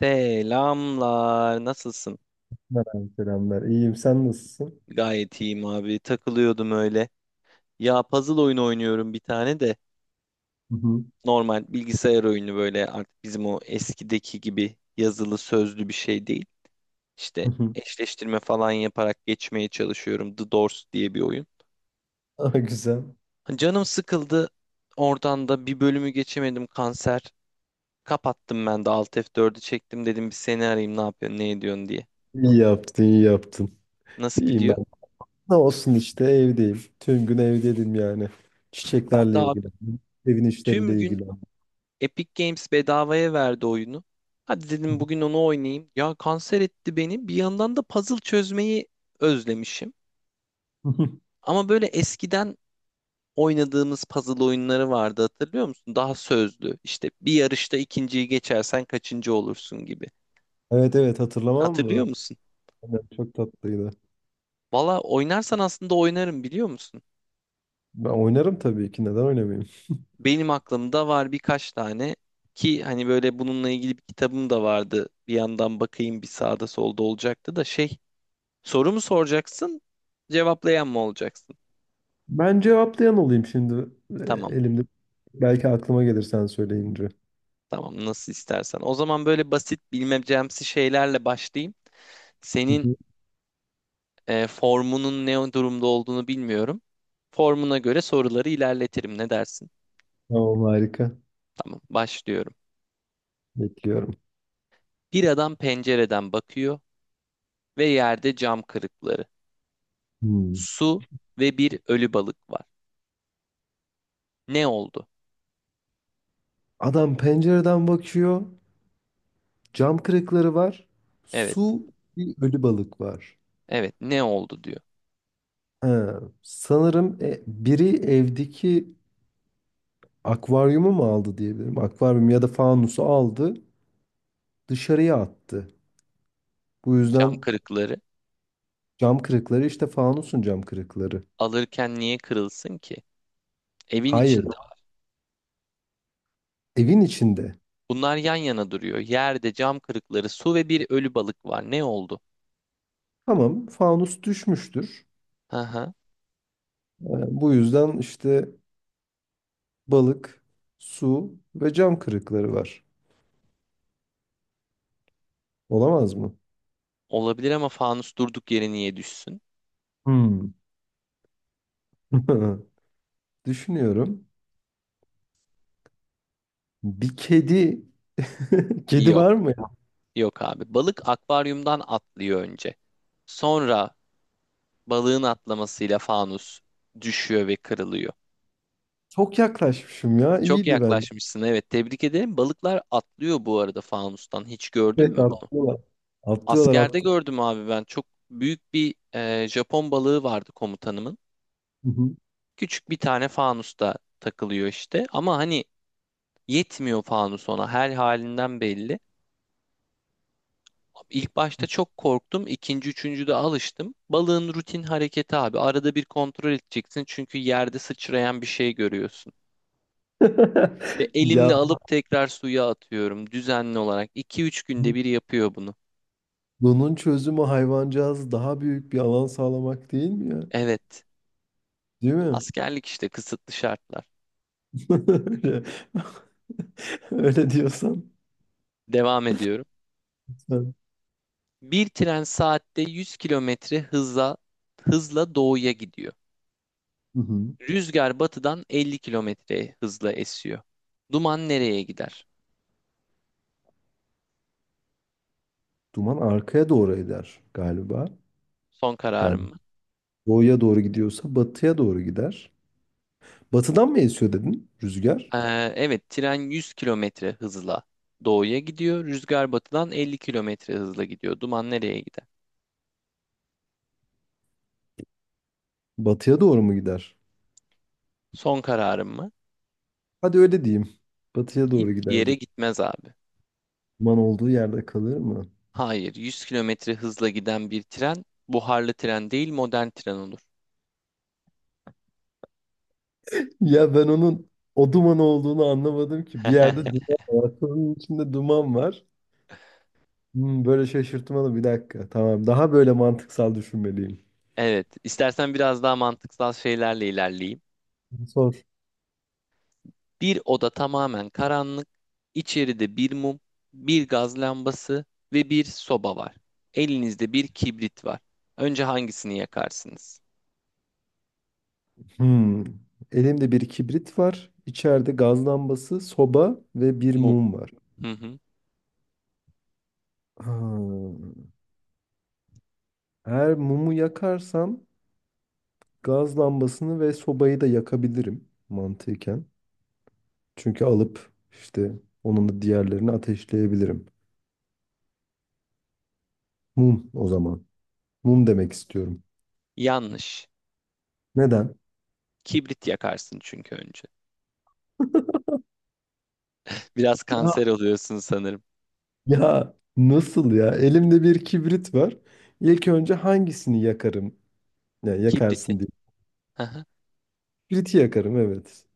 Selamlar. Nasılsın? Merhaba, selamlar. İyiyim, sen nasılsın? Gayet iyiyim abi. Takılıyordum öyle. Ya puzzle oyunu oynuyorum bir tane de. Hı hı. Normal bilgisayar oyunu böyle artık bizim o eskideki gibi yazılı sözlü bir şey değil. İşte Hı hı. eşleştirme falan yaparak geçmeye çalışıyorum. The Doors diye bir oyun. Aa, güzel. Canım sıkıldı. Oradan da bir bölümü geçemedim kanser. Kapattım ben de Alt F4'ü çektim dedim bir seni arayayım ne yapıyorsun ne ediyorsun diye. İyi yaptın, iyi yaptın. Nasıl İyiyim ben. gidiyor? Ne olsun işte evdeyim. Tüm gün evdeydim yani. Ben de Çiçeklerle abi ilgilendim. Evin tüm işleriyle gün ilgilendim. Epic Games bedavaya verdi oyunu. Hadi Hı dedim bugün onu oynayayım. Ya kanser etti beni. Bir yandan da puzzle çözmeyi özlemişim. hı. Ama böyle eskiden oynadığımız puzzle oyunları vardı hatırlıyor musun? Daha sözlü. İşte bir yarışta ikinciyi geçersen kaçıncı olursun gibi. Evet evet hatırlamam Hatırlıyor mı? musun? Aynen, çok tatlıydı. Valla oynarsan aslında oynarım biliyor musun? Ben oynarım tabii ki. Neden oynamayayım? Benim aklımda var birkaç tane ki hani böyle bununla ilgili bir kitabım da vardı. Bir yandan bakayım bir sağda solda olacaktı da şey. Soru mu soracaksın, cevaplayan mı olacaksın? Ben cevaplayan olayım şimdi e, Tamam, elimde. Belki aklıma gelir sen söyleyince. tamam. Nasıl istersen. O zaman böyle basit bilmecemsi şeylerle başlayayım. Hı Senin hı. Formunun ne durumda olduğunu bilmiyorum. Formuna göre soruları ilerletirim. Ne dersin? Tamam harika. Tamam, başlıyorum. Bekliyorum. Bir adam pencereden bakıyor ve yerde cam kırıkları, Hmm. su ve bir ölü balık var. Ne oldu? Adam pencereden bakıyor. Cam kırıkları var. Evet, Su bir ölü balık var. evet. Ne oldu diyor. Ha, sanırım biri evdeki akvaryumu mu aldı diyebilirim. Akvaryum ya da fanusu aldı, dışarıya attı. Bu Cam yüzden kırıkları cam kırıkları işte fanusun cam kırıkları. alırken niye kırılsın ki? Evin Hayır, içinde. evin içinde. Bunlar yan yana duruyor. Yerde cam kırıkları, su ve bir ölü balık var. Ne oldu? Tamam, fanus düşmüştür. Hı hı. E, bu yüzden işte balık, su ve cam kırıkları var. Olamaz mı? Olabilir ama fanus durduk yere niye düşsün? Hmm. Düşünüyorum. Bir kedi Kedi Yok. var mı ya? Yok abi. Balık akvaryumdan atlıyor önce. Sonra balığın atlamasıyla fanus düşüyor ve kırılıyor. Çok yaklaşmışım ya. Çok İyiydi bence. yaklaşmışsın. Evet, tebrik ederim. Balıklar atlıyor bu arada fanustan. Hiç gördün mü Evet bunu? atlıyorlar. Atlıyorlar Askerde atlıyorlar. gördüm abi ben. Çok büyük bir Japon balığı vardı komutanımın. Hı hı. Küçük bir tane fanusta takılıyor işte. Ama hani yetmiyor fanus ona. Her halinden belli. İlk başta çok korktum. İkinci, üçüncüde alıştım. Balığın rutin hareketi abi. Arada bir kontrol edeceksin. Çünkü yerde sıçrayan bir şey görüyorsun. Ve Ya elimle alıp tekrar suya atıyorum. Düzenli olarak. 2 üç günde bir yapıyor bunu. bunun çözümü hayvancağız daha büyük bir alan sağlamak değil mi ya? Evet. Değil mi? Askerlik işte kısıtlı şartlar. Öyle, öyle diyorsan. Devam ediyorum. Sen. Bir tren saatte 100 kilometre hızla doğuya gidiyor. Hı hı. Rüzgar batıdan 50 kilometre hızla esiyor. Duman nereye gider? Duman arkaya doğru eder galiba. Son Yani kararım mı? doğuya doğru gidiyorsa batıya doğru gider. Batıdan mı esiyor dedin rüzgar? Evet, tren 100 kilometre hızla doğuya gidiyor. Rüzgar batıdan 50 kilometre hızla gidiyor. Duman nereye gider? Batıya doğru mu gider? Son kararım mı? Hadi öyle diyeyim. Batıya doğru Hiçbir gider. yere gitmez abi. Duman olduğu yerde kalır mı? Hayır, 100 kilometre hızla giden bir tren buharlı tren değil modern tren olur. Ya ben onun o duman olduğunu anlamadım ki. Bir yerde duman var. Sorunun içinde duman var. Hmm, böyle şaşırtmalı bir dakika. Tamam. Daha böyle mantıksal düşünmeliyim. Evet, istersen biraz daha mantıksal şeylerle ilerleyeyim. Sor. Bir oda tamamen karanlık, içeride bir mum, bir gaz lambası ve bir soba var. Elinizde bir kibrit var. Önce hangisini yakarsınız? Hmm. Elimde bir kibrit var. İçeride gaz lambası, soba ve bir Mum. mum var. Hı hı. Ha. Eğer mumu yakarsam gaz lambasını ve sobayı da yakabilirim mantıken. Çünkü alıp işte onun da diğerlerini ateşleyebilirim. Mum o zaman. Mum demek istiyorum. Yanlış. Neden? Kibrit yakarsın çünkü önce. Biraz Ya, kanser oluyorsun sanırım. ya nasıl ya? Elimde bir kibrit var. İlk önce hangisini yakarım? Ya Kibriti. yakarsın diye. Hı hı. Kibriti yakarım evet.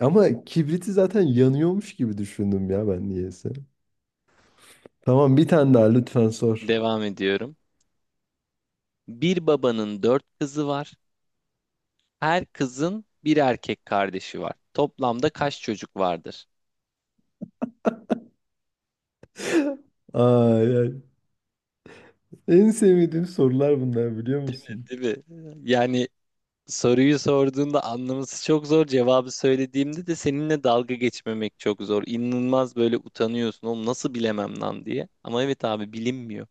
Ama kibriti zaten yanıyormuş gibi düşündüm ya ben niyeyse. Tamam bir tane daha lütfen sor. Devam ediyorum. Bir babanın dört kızı var. Her kızın bir erkek kardeşi var. Toplamda kaç çocuk vardır? Ay, ay. En sevmediğim sorular bunlar biliyor musun? Değil mi? Yani soruyu sorduğunda anlaması çok zor. Cevabı söylediğimde de seninle dalga geçmemek çok zor. İnanılmaz böyle utanıyorsun. Oğlum nasıl bilemem lan diye. Ama evet abi bilinmiyor.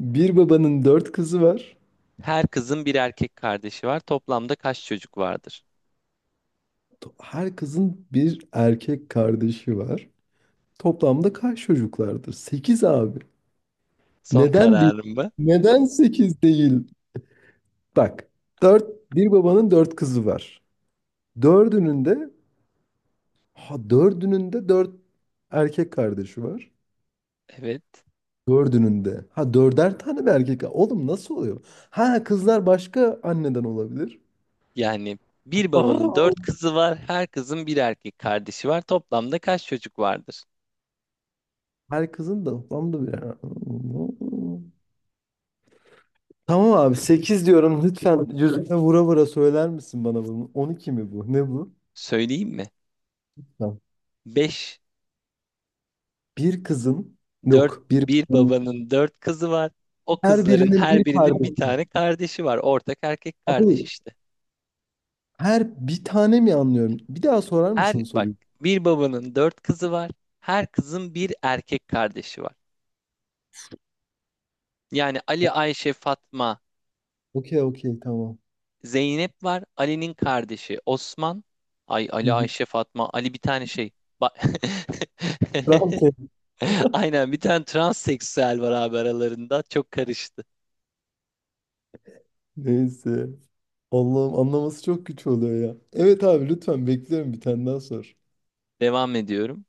Bir babanın dört kızı var. Her kızın bir erkek kardeşi var. Toplamda kaç çocuk vardır? Her kızın bir erkek kardeşi var. Toplamda kaç çocuklardır? Sekiz abi. Son Neden değil? kararım bu. Neden 8 değil? Bak, bir babanın 4 kızı var. Dördünün de ha dördünün de dört erkek kardeşi var. Evet. Dördünün de. Ha dörder tane mi erkek? Oğlum nasıl oluyor? Ha kızlar başka anneden olabilir. Yani bir babanın dört Aa, kızı var. Her kızın bir erkek kardeşi var. Toplamda kaç çocuk vardır? her kızın da toplamda bir. Tamam abi 8 diyorum lütfen yüzüme vura vura söyler misin bana bunu? 12 mi bu? Ne bu? Söyleyeyim mi? Tamam. Beş. Bir kızın Dört, yok bir. bir babanın dört kızı var. O Her kızların birinin her bir birinin bir kardeşi. tane kardeşi var. Ortak erkek kardeş Abi işte. her bir tane mi anlıyorum? Bir daha sorar Her mısın bak soruyu? bir babanın dört kızı var. Her kızın bir erkek kardeşi var. Yani Ali, O- Ayşe, Fatma, Okey okey tamam. Zeynep var. Ali'nin kardeşi Osman. Ay Hı Ali, hı. Ayşe, Fatma. Ali bir tane şey. Ba- Tamam, Aynen bir tane transseksüel var abi aralarında. Çok karıştı. Neyse. Allah'ım anlaması çok güç oluyor ya. Evet abi lütfen bekliyorum bir tane daha sor. Devam ediyorum.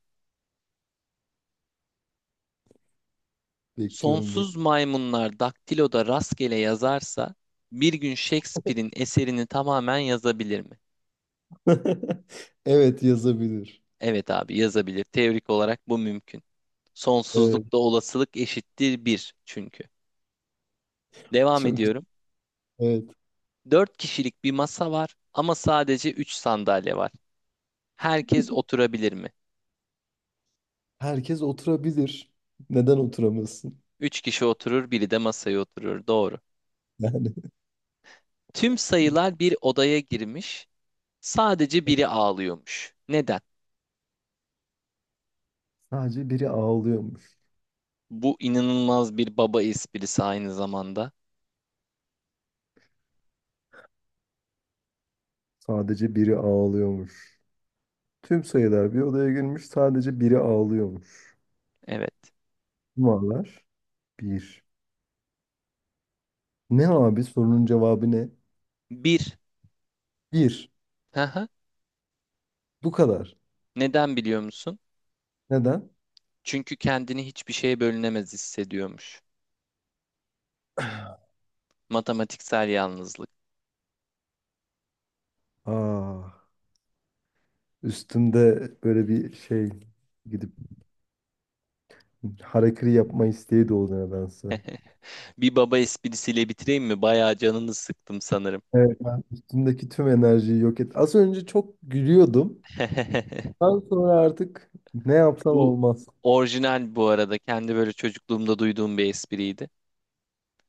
Bekliyorum. Sonsuz maymunlar daktiloda rastgele yazarsa bir gün Shakespeare'in eserini tamamen yazabilir mi? Evet yazabilir. Evet abi yazabilir. Teorik olarak bu mümkün. Evet Sonsuzlukta olasılık eşittir bir çünkü. Devam çok güzel. ediyorum. Evet. Dört kişilik bir masa var ama sadece 3 sandalye var. Herkes oturabilir mi? Herkes oturabilir. Neden oturamasın? Üç kişi oturur, biri de masaya oturur. Doğru. Yani. Tüm sayılar bir odaya girmiş. Sadece biri ağlıyormuş. Neden? Sadece biri ağlıyormuş. Bu inanılmaz bir baba esprisi aynı zamanda. Sadece biri ağlıyormuş. Tüm sayılar bir odaya girmiş. Sadece biri ağlıyormuş. Evet. Numaralar bir. Ne abi sorunun cevabı ne? Bir. Bir. Haha. Bu kadar. Neden biliyor musun? Neden? Çünkü kendini hiçbir şeye bölünemez hissediyormuş. Matematiksel yalnızlık. Aa, üstümde böyle bir şey gidip harakiri yapma isteği doğdu nedense. Bir baba esprisiyle bitireyim mi? Bayağı canını sıktım sanırım. Evet. Ben üstümdeki tüm enerjiyi yok et. Az önce çok gülüyordum. Daha sonra artık ne yapsam Bu olmaz. orijinal bu arada. Kendi böyle çocukluğumda duyduğum bir espriydi.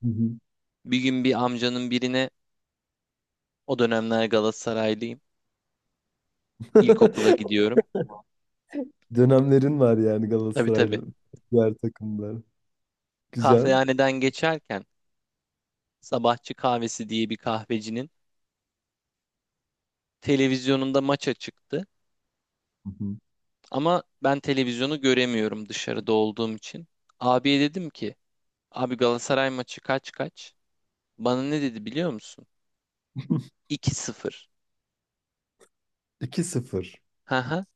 Hı hı. Bir gün bir amcanın birine o dönemler Galatasaraylıyım. İlkokula gidiyorum. Dönemlerin var yani Tabii tabii. Galatasaraylı diğer takımlar. Güzel. Kahvehaneden geçerken sabahçı kahvesi diye bir kahvecinin televizyonunda maça çıktı. Hı Ama ben televizyonu göremiyorum dışarıda olduğum için. Abiye dedim ki abi Galatasaray maçı kaç kaç? Bana ne dedi biliyor musun? hı. 2 sıfır. 2 sıfır. Hı hı.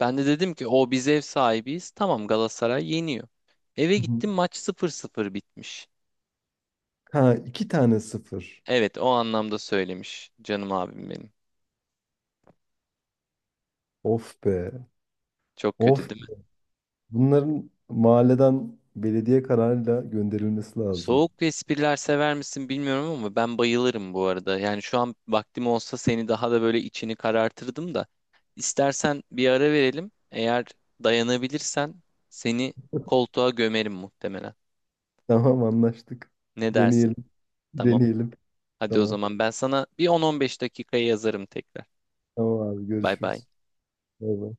Ben de dedim ki o biz ev sahibiyiz. Tamam Galatasaray yeniyor. Eve Hı hı. gittim maç sıfır sıfır bitmiş. Ha iki tane sıfır. Evet o anlamda söylemiş canım abim benim. Of be. Çok kötü Of. değil mi? Bunların mahalleden belediye kararıyla gönderilmesi lazım. Soğuk espriler sever misin bilmiyorum ama ben bayılırım bu arada. Yani şu an vaktim olsa seni daha da böyle içini karartırdım da. İstersen bir ara verelim. Eğer dayanabilirsen seni koltuğa gömerim muhtemelen. Tamam anlaştık. Ne dersin? Deneyelim. Tamam. Deneyelim. Hadi o Tamam. zaman ben sana bir 10-15 dakikaya yazarım tekrar. Tamam abi Bay bay. görüşürüz. Bay bay.